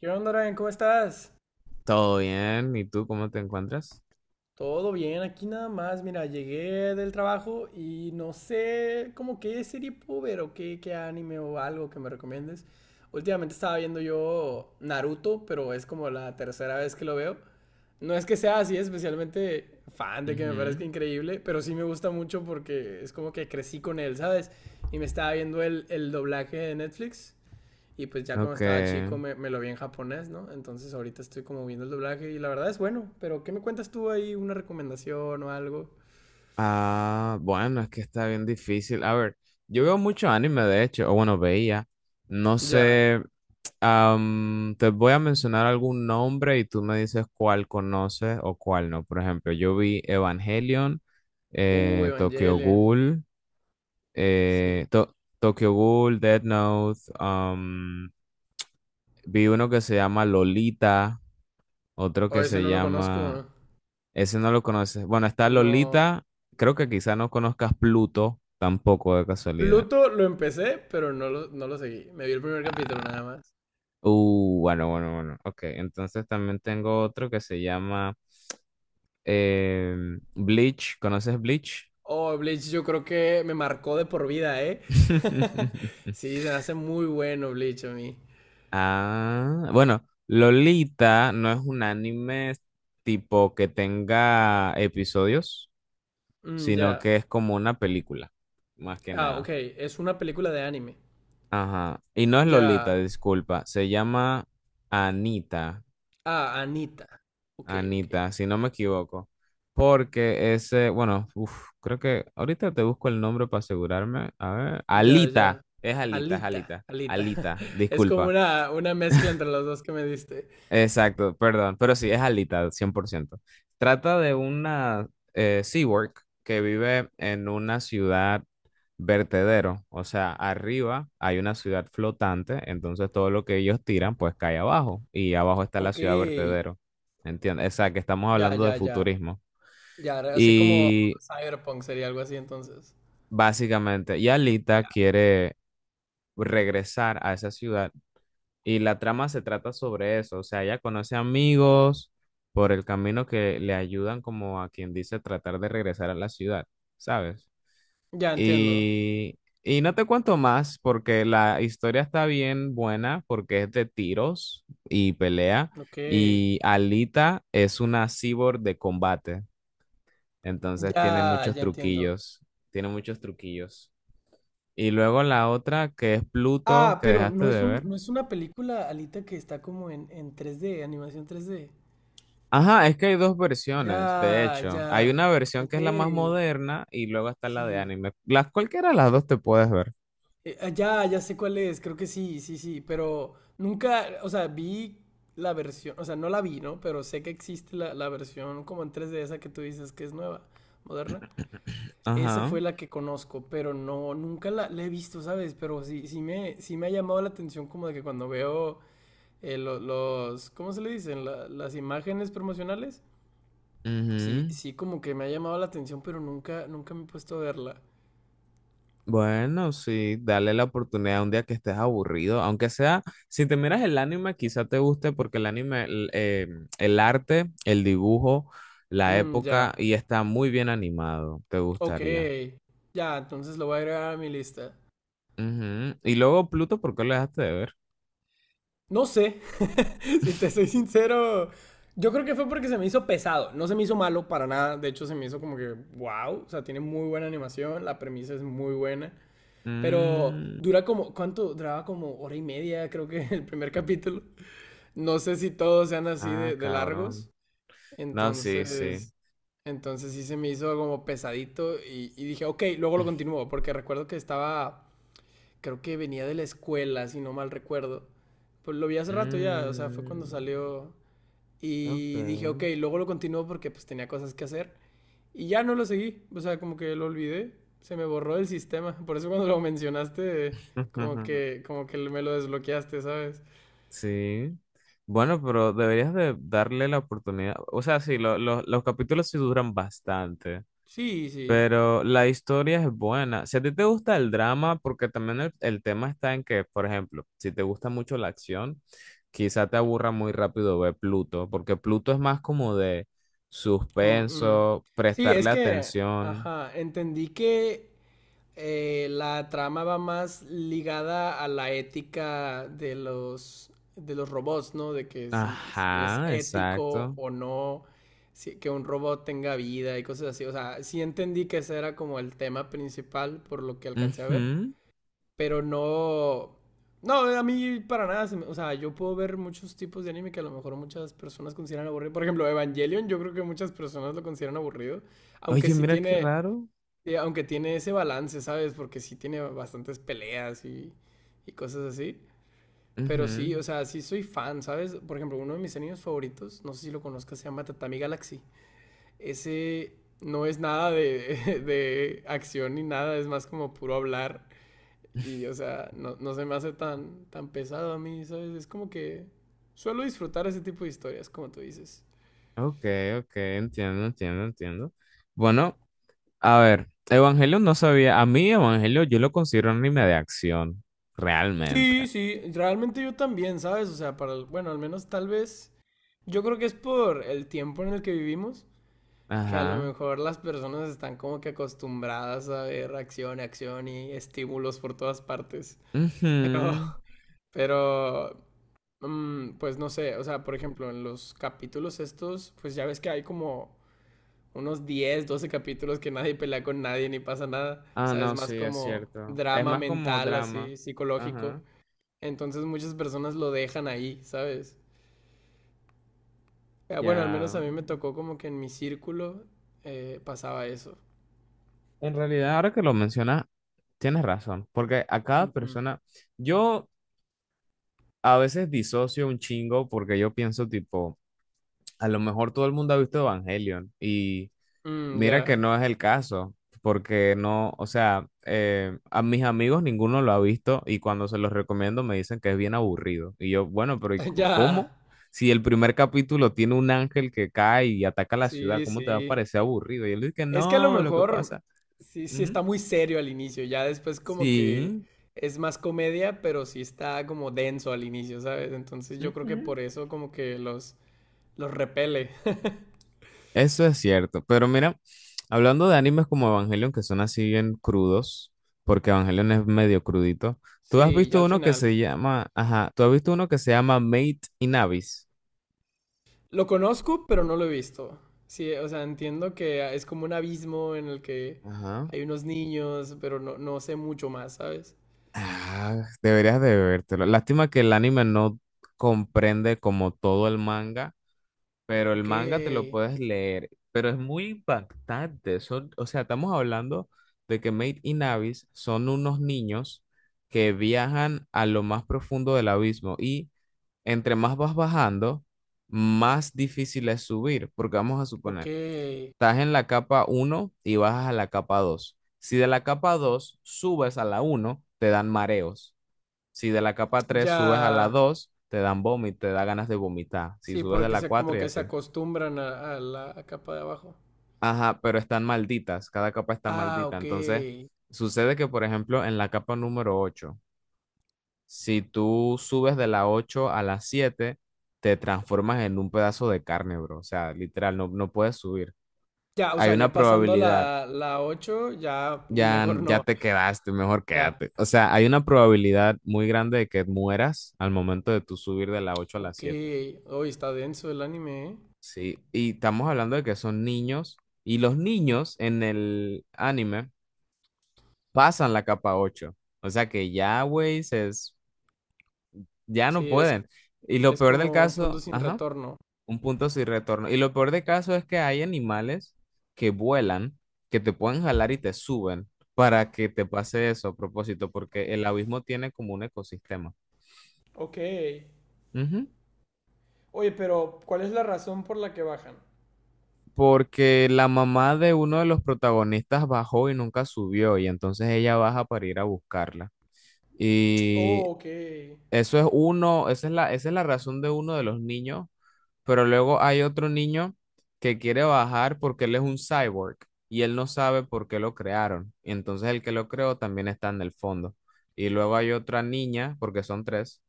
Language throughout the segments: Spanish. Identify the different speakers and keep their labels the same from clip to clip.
Speaker 1: ¿Qué onda, Ryan? ¿Cómo estás?
Speaker 2: Todo bien. ¿Y tú cómo te encuentras?
Speaker 1: Todo bien, aquí nada más. Mira, llegué del trabajo y no sé como qué serie puedo ver o qué anime o algo que me recomiendes. Últimamente estaba viendo yo Naruto, pero es como la tercera vez que lo veo. No es que sea así especialmente fan de que me parezca
Speaker 2: Ujú.
Speaker 1: increíble, pero sí me gusta mucho porque es como que crecí con él, ¿sabes? Y me estaba viendo el doblaje de Netflix. Y pues ya cuando
Speaker 2: Ok.
Speaker 1: estaba chico lo vi en japonés, ¿no? Entonces ahorita estoy como viendo el doblaje y la verdad es bueno. Pero ¿qué me cuentas tú ahí? ¿Una recomendación o algo?
Speaker 2: Ah, bueno, es que está bien difícil. A ver, yo veo mucho anime, de hecho, o bueno, veía. No
Speaker 1: Ya.
Speaker 2: sé, te voy a mencionar algún nombre y tú me dices cuál conoces o cuál no. Por ejemplo, yo vi Evangelion, Tokyo
Speaker 1: Evangelion.
Speaker 2: Ghoul,
Speaker 1: Sí.
Speaker 2: eh, To- Tokyo Ghoul, Death Note, vi uno que se llama Lolita, otro
Speaker 1: O
Speaker 2: que
Speaker 1: ese
Speaker 2: se
Speaker 1: no lo conozco.
Speaker 2: llama. Ese no lo conoces. Bueno, está
Speaker 1: No.
Speaker 2: Lolita. Creo que quizá no conozcas Pluto tampoco de casualidad.
Speaker 1: Pluto lo empecé, pero no lo seguí. Me vi el primer capítulo nada
Speaker 2: Ah,
Speaker 1: más.
Speaker 2: bueno, bueno, bueno. Ok, entonces también tengo otro que se llama eh, Bleach. ¿Conoces Bleach?
Speaker 1: Oh, Bleach yo creo que me marcó de por vida, ¿eh? Sí, se me hace muy bueno Bleach a mí.
Speaker 2: Ah, bueno, Lolita no es un anime tipo que tenga episodios,
Speaker 1: Mm,
Speaker 2: sino
Speaker 1: ya.
Speaker 2: que es como una película, más que
Speaker 1: Ah, ok.
Speaker 2: nada.
Speaker 1: Es una película de anime.
Speaker 2: Ajá. Y no es Lolita,
Speaker 1: Ya.
Speaker 2: disculpa. Se llama Anita.
Speaker 1: Ah, Anita. Ok, ok.
Speaker 2: Anita, si no me equivoco. Porque ese, bueno, uf, creo que ahorita te busco el nombre para asegurarme. A ver.
Speaker 1: Ya,
Speaker 2: Alita.
Speaker 1: ya.
Speaker 2: Es Alita, es
Speaker 1: Alita,
Speaker 2: Alita.
Speaker 1: Alita.
Speaker 2: Alita,
Speaker 1: Es como
Speaker 2: disculpa.
Speaker 1: una mezcla entre los dos que me diste.
Speaker 2: Exacto, perdón. Pero sí, es Alita, 100%. Trata de una Seawork que vive en una ciudad vertedero, o sea, arriba hay una ciudad flotante, entonces todo lo que ellos tiran pues cae abajo y abajo está la
Speaker 1: Ok.
Speaker 2: ciudad vertedero, ¿entiendes? O sea, que estamos
Speaker 1: Ya,
Speaker 2: hablando de
Speaker 1: ya, ya.
Speaker 2: futurismo.
Speaker 1: Ya, así como
Speaker 2: Y
Speaker 1: Cyberpunk sería algo así entonces.
Speaker 2: básicamente,
Speaker 1: Ya,
Speaker 2: Yalita quiere regresar a esa ciudad y la trama se trata sobre eso, o sea, ella conoce amigos por el camino que le ayudan como a quien dice tratar de regresar a la ciudad, ¿sabes?
Speaker 1: ya entiendo.
Speaker 2: Y, y no te cuento más porque la historia está bien buena porque es de tiros y pelea
Speaker 1: Ok.
Speaker 2: y Alita es una cyborg de combate, entonces tiene
Speaker 1: Ya,
Speaker 2: muchos
Speaker 1: ya entiendo.
Speaker 2: truquillos, tiene muchos truquillos. Y luego la otra que es Pluto
Speaker 1: Ah,
Speaker 2: que
Speaker 1: pero
Speaker 2: dejaste
Speaker 1: no es
Speaker 2: de
Speaker 1: un,
Speaker 2: ver.
Speaker 1: no es una película, Alita, que está como en 3D, animación 3D.
Speaker 2: Ajá, es que hay dos versiones, de
Speaker 1: Ya,
Speaker 2: hecho. Hay
Speaker 1: ya.
Speaker 2: una versión
Speaker 1: Ok.
Speaker 2: que es la más moderna y luego está la de
Speaker 1: Sí.
Speaker 2: anime. Las cualquiera de las dos te puedes ver.
Speaker 1: Ya, ya sé cuál es, creo que sí, sí, sí, pero nunca, o sea, vi la versión, o sea, no la vi, ¿no? Pero sé que existe la versión como en tres d esa que tú dices que es nueva, moderna. Esa
Speaker 2: Ajá.
Speaker 1: fue la que conozco, pero no, nunca la he visto, ¿sabes? Pero sí, sí me ha llamado la atención como de que cuando veo los, ¿cómo se le dicen? Las imágenes promocionales, sí,
Speaker 2: Ujú.
Speaker 1: sí como que me ha llamado la atención, pero nunca, nunca me he puesto a verla.
Speaker 2: Bueno, sí, dale la oportunidad un día que estés aburrido, aunque sea, si te miras el anime, quizá te guste porque el anime, el arte, el dibujo, la
Speaker 1: Mm, ya.
Speaker 2: época, y está muy bien animado, te
Speaker 1: Ok,
Speaker 2: gustaría.
Speaker 1: ya, entonces lo voy a agregar a mi lista.
Speaker 2: Ujú. Y luego Pluto, ¿por qué lo dejaste de ver?
Speaker 1: No sé, si te soy sincero, yo creo que fue porque se me hizo pesado, no se me hizo malo para nada, de hecho se me hizo como que, wow, o sea, tiene muy buena animación, la premisa es muy buena, pero
Speaker 2: Mm,
Speaker 1: dura como, ¿cuánto? Duraba como hora y media, creo que el primer capítulo. No sé si todos sean así
Speaker 2: ah,
Speaker 1: de
Speaker 2: cabrón.
Speaker 1: largos,
Speaker 2: No, sí, sí.
Speaker 1: entonces... Entonces sí se me hizo como pesadito y dije, ok, luego lo continúo, porque recuerdo que estaba creo que venía de la escuela, si no mal recuerdo. Pues lo vi hace rato ya, o sea, fue
Speaker 2: Mm,
Speaker 1: cuando salió y dije,
Speaker 2: ok.
Speaker 1: ok, luego lo continuo porque pues tenía cosas que hacer y ya no lo seguí, o sea, como que lo olvidé, se me borró del sistema, por eso cuando lo mencionaste, como que me lo desbloqueaste, ¿sabes?
Speaker 2: Sí. Bueno, pero deberías de darle la oportunidad. O sea, sí, los capítulos sí duran bastante,
Speaker 1: Sí, sí,
Speaker 2: pero la historia es buena. Si a ti te gusta el drama, porque también el tema está en que, por ejemplo, si te gusta mucho la acción, quizá te aburra muy rápido ver Pluto, porque Pluto es más como de
Speaker 1: como, mm.
Speaker 2: suspenso,
Speaker 1: Sí, es
Speaker 2: prestarle
Speaker 1: que,
Speaker 2: atención.
Speaker 1: ajá, entendí que la trama va más ligada a la ética de los robots, ¿no? De que si, si es
Speaker 2: Ajá,
Speaker 1: ético
Speaker 2: exacto.
Speaker 1: o no, que un robot tenga vida y cosas así. O sea, sí entendí que ese era como el tema principal por lo que alcancé a ver,
Speaker 2: Ujú.
Speaker 1: pero no... No, a mí para nada, o sea, yo puedo ver muchos tipos de anime que a lo mejor muchas personas consideran aburrido. Por ejemplo, Evangelion, yo creo que muchas personas lo consideran aburrido, aunque
Speaker 2: Oye,
Speaker 1: sí
Speaker 2: mira qué
Speaker 1: tiene.
Speaker 2: raro.
Speaker 1: Sí, aunque tiene ese balance, ¿sabes? Porque sí tiene bastantes peleas y cosas así. Pero sí,
Speaker 2: Ujú.
Speaker 1: o sea, sí soy fan, ¿sabes? Por ejemplo, uno de mis animes favoritos, no sé si lo conozcas, se llama Tatami Galaxy. Ese no es nada de, de acción ni nada, es más como puro hablar. Y, o sea, no, no se me hace tan pesado a mí, ¿sabes? Es como que suelo disfrutar ese tipo de historias, como tú dices.
Speaker 2: Ok, ok, entiendo, entiendo, entiendo. Bueno, a ver, Evangelion no sabía, a mí Evangelion yo lo considero anime de acción, realmente.
Speaker 1: Sí, sí, realmente yo también, ¿sabes? O sea, para, bueno, al menos tal vez yo creo que es por el tiempo en el que vivimos, que a lo
Speaker 2: Ajá.
Speaker 1: mejor las personas están como que acostumbradas a ver acción, acción y estímulos por todas partes. Pero,
Speaker 2: Ujú.
Speaker 1: pero, pues no sé, o sea, por ejemplo, en los capítulos estos, pues ya ves que hay como unos 10, 12 capítulos que nadie pelea con nadie ni pasa nada. O
Speaker 2: Ah,
Speaker 1: sea, es
Speaker 2: no, sí,
Speaker 1: más
Speaker 2: es
Speaker 1: como
Speaker 2: cierto. Es
Speaker 1: drama
Speaker 2: más como
Speaker 1: mental,
Speaker 2: drama.
Speaker 1: así, psicológico.
Speaker 2: Ajá.
Speaker 1: Entonces muchas personas lo dejan ahí, ¿sabes? Ah, bueno, al menos a
Speaker 2: Ya,
Speaker 1: mí me tocó como que en mi círculo pasaba eso.
Speaker 2: en realidad, ahora que lo mencionas, tienes razón, porque a cada
Speaker 1: Ujú.
Speaker 2: persona, yo a veces disocio un chingo porque yo pienso tipo, a lo mejor todo el mundo ha visto Evangelion y.
Speaker 1: Mm,
Speaker 2: Mira
Speaker 1: ya,
Speaker 2: que no es el caso, porque no, o sea, a mis amigos ninguno lo ha visto y cuando se los recomiendo me dicen que es bien aburrido. Y yo, bueno, pero ¿y
Speaker 1: ya.
Speaker 2: cómo? Si el primer capítulo tiene un ángel que cae y ataca la ciudad,
Speaker 1: Sí,
Speaker 2: ¿cómo te va a
Speaker 1: sí.
Speaker 2: parecer aburrido? Y él dice que
Speaker 1: Es que a lo
Speaker 2: no, lo que
Speaker 1: mejor
Speaker 2: pasa.
Speaker 1: sí, sí
Speaker 2: Ujú,
Speaker 1: está muy serio al inicio, ya después como que
Speaker 2: sí.
Speaker 1: es más comedia, pero sí está como denso al inicio, ¿sabes? Entonces yo creo que por eso como que los repele.
Speaker 2: Eso es cierto, pero mira, hablando de animes como Evangelion, que son así bien crudos, porque Evangelion es medio crudito, ¿tú has
Speaker 1: Sí, ya
Speaker 2: visto
Speaker 1: al
Speaker 2: uno que
Speaker 1: final.
Speaker 2: se llama, ajá, tú has visto uno que se llama Mate in Abyss?
Speaker 1: Lo conozco, pero no lo he visto. Sí, o sea, entiendo que es como un abismo en el que
Speaker 2: Ajá.
Speaker 1: hay unos niños, pero no, no sé mucho más, ¿sabes?
Speaker 2: Ah, deberías de vértelo. Lástima que el anime no comprende como todo el manga. Pero el
Speaker 1: Ok,
Speaker 2: manga te lo puedes leer, pero es muy impactante. Son, o sea, estamos hablando de que Maid y Navis son unos niños que viajan a lo más profundo del abismo y entre más vas bajando, más difícil es subir, porque vamos a suponer,
Speaker 1: ok.
Speaker 2: estás en la capa uno y bajas a la capa 2. Si de la capa 2 subes a la uno te dan mareos. Si de la capa tres subes a la
Speaker 1: Ya.
Speaker 2: 2 te dan vómito, te da ganas de vomitar. Si
Speaker 1: Sí,
Speaker 2: subes de
Speaker 1: porque
Speaker 2: la
Speaker 1: se,
Speaker 2: 4
Speaker 1: como
Speaker 2: y
Speaker 1: que se
Speaker 2: así.
Speaker 1: acostumbran a la capa de abajo.
Speaker 2: Ajá, pero están malditas, cada capa está
Speaker 1: Ah,
Speaker 2: maldita.
Speaker 1: ok.
Speaker 2: Entonces, sucede que, por ejemplo, en la capa número 8, si tú subes de la 8 a la 7, te transformas en un pedazo de carne, bro. O sea, literal, no, no puedes subir.
Speaker 1: Ya, o
Speaker 2: Hay
Speaker 1: sea,
Speaker 2: una
Speaker 1: ya pasando
Speaker 2: probabilidad,
Speaker 1: la 8, ya
Speaker 2: ya,
Speaker 1: mejor
Speaker 2: ya
Speaker 1: no.
Speaker 2: te quedaste, mejor
Speaker 1: Ya.
Speaker 2: quédate. O sea, hay una probabilidad muy grande de que mueras al momento de tú subir de la 8 a la
Speaker 1: Ok.
Speaker 2: 7.
Speaker 1: Hoy está denso el anime, ¿eh?
Speaker 2: Sí, y estamos hablando de que son niños, y los niños en el anime pasan la capa ocho. O sea que ya, güey, ya no
Speaker 1: Sí,
Speaker 2: pueden. Y lo
Speaker 1: es
Speaker 2: peor del
Speaker 1: como un punto
Speaker 2: caso,
Speaker 1: sin
Speaker 2: ajá,
Speaker 1: retorno.
Speaker 2: un punto sin retorno. Y lo peor del caso es que hay animales que vuelan, que te pueden jalar y te suben para que te pase eso a propósito, porque el abismo tiene como un ecosistema.
Speaker 1: Ok.
Speaker 2: Ujú.
Speaker 1: Oye, pero ¿cuál es la razón por la que bajan?
Speaker 2: Porque la mamá de uno de los protagonistas bajó y nunca subió, y entonces ella baja para ir a buscarla. Y
Speaker 1: Oh, ok.
Speaker 2: eso es uno, esa es la razón de uno de los niños. Pero luego hay otro niño que quiere bajar porque él es un cyborg y él no sabe por qué lo crearon. Y entonces el que lo creó también está en el fondo. Y luego hay otra niña, porque son tres,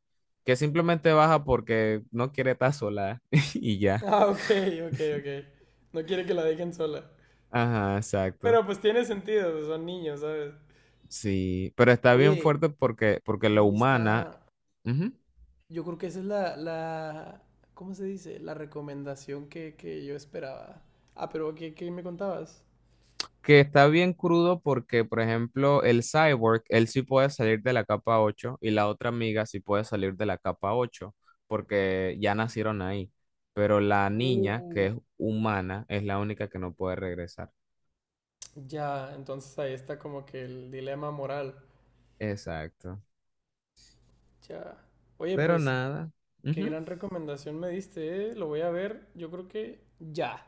Speaker 2: que simplemente baja porque no quiere estar sola y ya.
Speaker 1: Ah, ok, ok, ok. No quiere que la dejen sola.
Speaker 2: Ajá, exacto.
Speaker 1: Pero pues tiene sentido, pues, son niños, ¿sabes?
Speaker 2: Sí, pero está bien
Speaker 1: Oye,
Speaker 2: fuerte porque, la
Speaker 1: sí
Speaker 2: humana.
Speaker 1: está.
Speaker 2: Ujú.
Speaker 1: Yo creo que esa es la, la... ¿Cómo se dice? La recomendación que yo esperaba. Ah, pero qué me contabas?
Speaker 2: Que está bien crudo porque, por ejemplo, el Cyborg, él sí puede salir de la capa ocho y la otra amiga sí puede salir de la capa 8 porque ya nacieron ahí. Pero la niña, que
Speaker 1: Uh,
Speaker 2: es humana, es la única que no puede regresar.
Speaker 1: ya, entonces ahí está como que el dilema moral.
Speaker 2: Exacto.
Speaker 1: Ya. Oye,
Speaker 2: Pero
Speaker 1: pues,
Speaker 2: nada.
Speaker 1: qué
Speaker 2: Ujú.
Speaker 1: gran recomendación me diste, ¿eh? Lo voy a ver, yo creo que ya.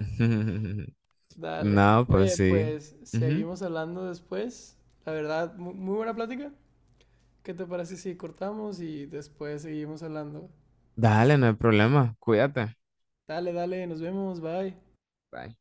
Speaker 1: Dale.
Speaker 2: No, pues
Speaker 1: Oye,
Speaker 2: sí.
Speaker 1: pues
Speaker 2: Ujú.
Speaker 1: seguimos hablando después. La verdad, muy buena plática. ¿Qué te parece si cortamos y después seguimos hablando?
Speaker 2: Dale, no hay problema. Cuídate.
Speaker 1: Dale, dale, nos vemos, bye.
Speaker 2: Bye.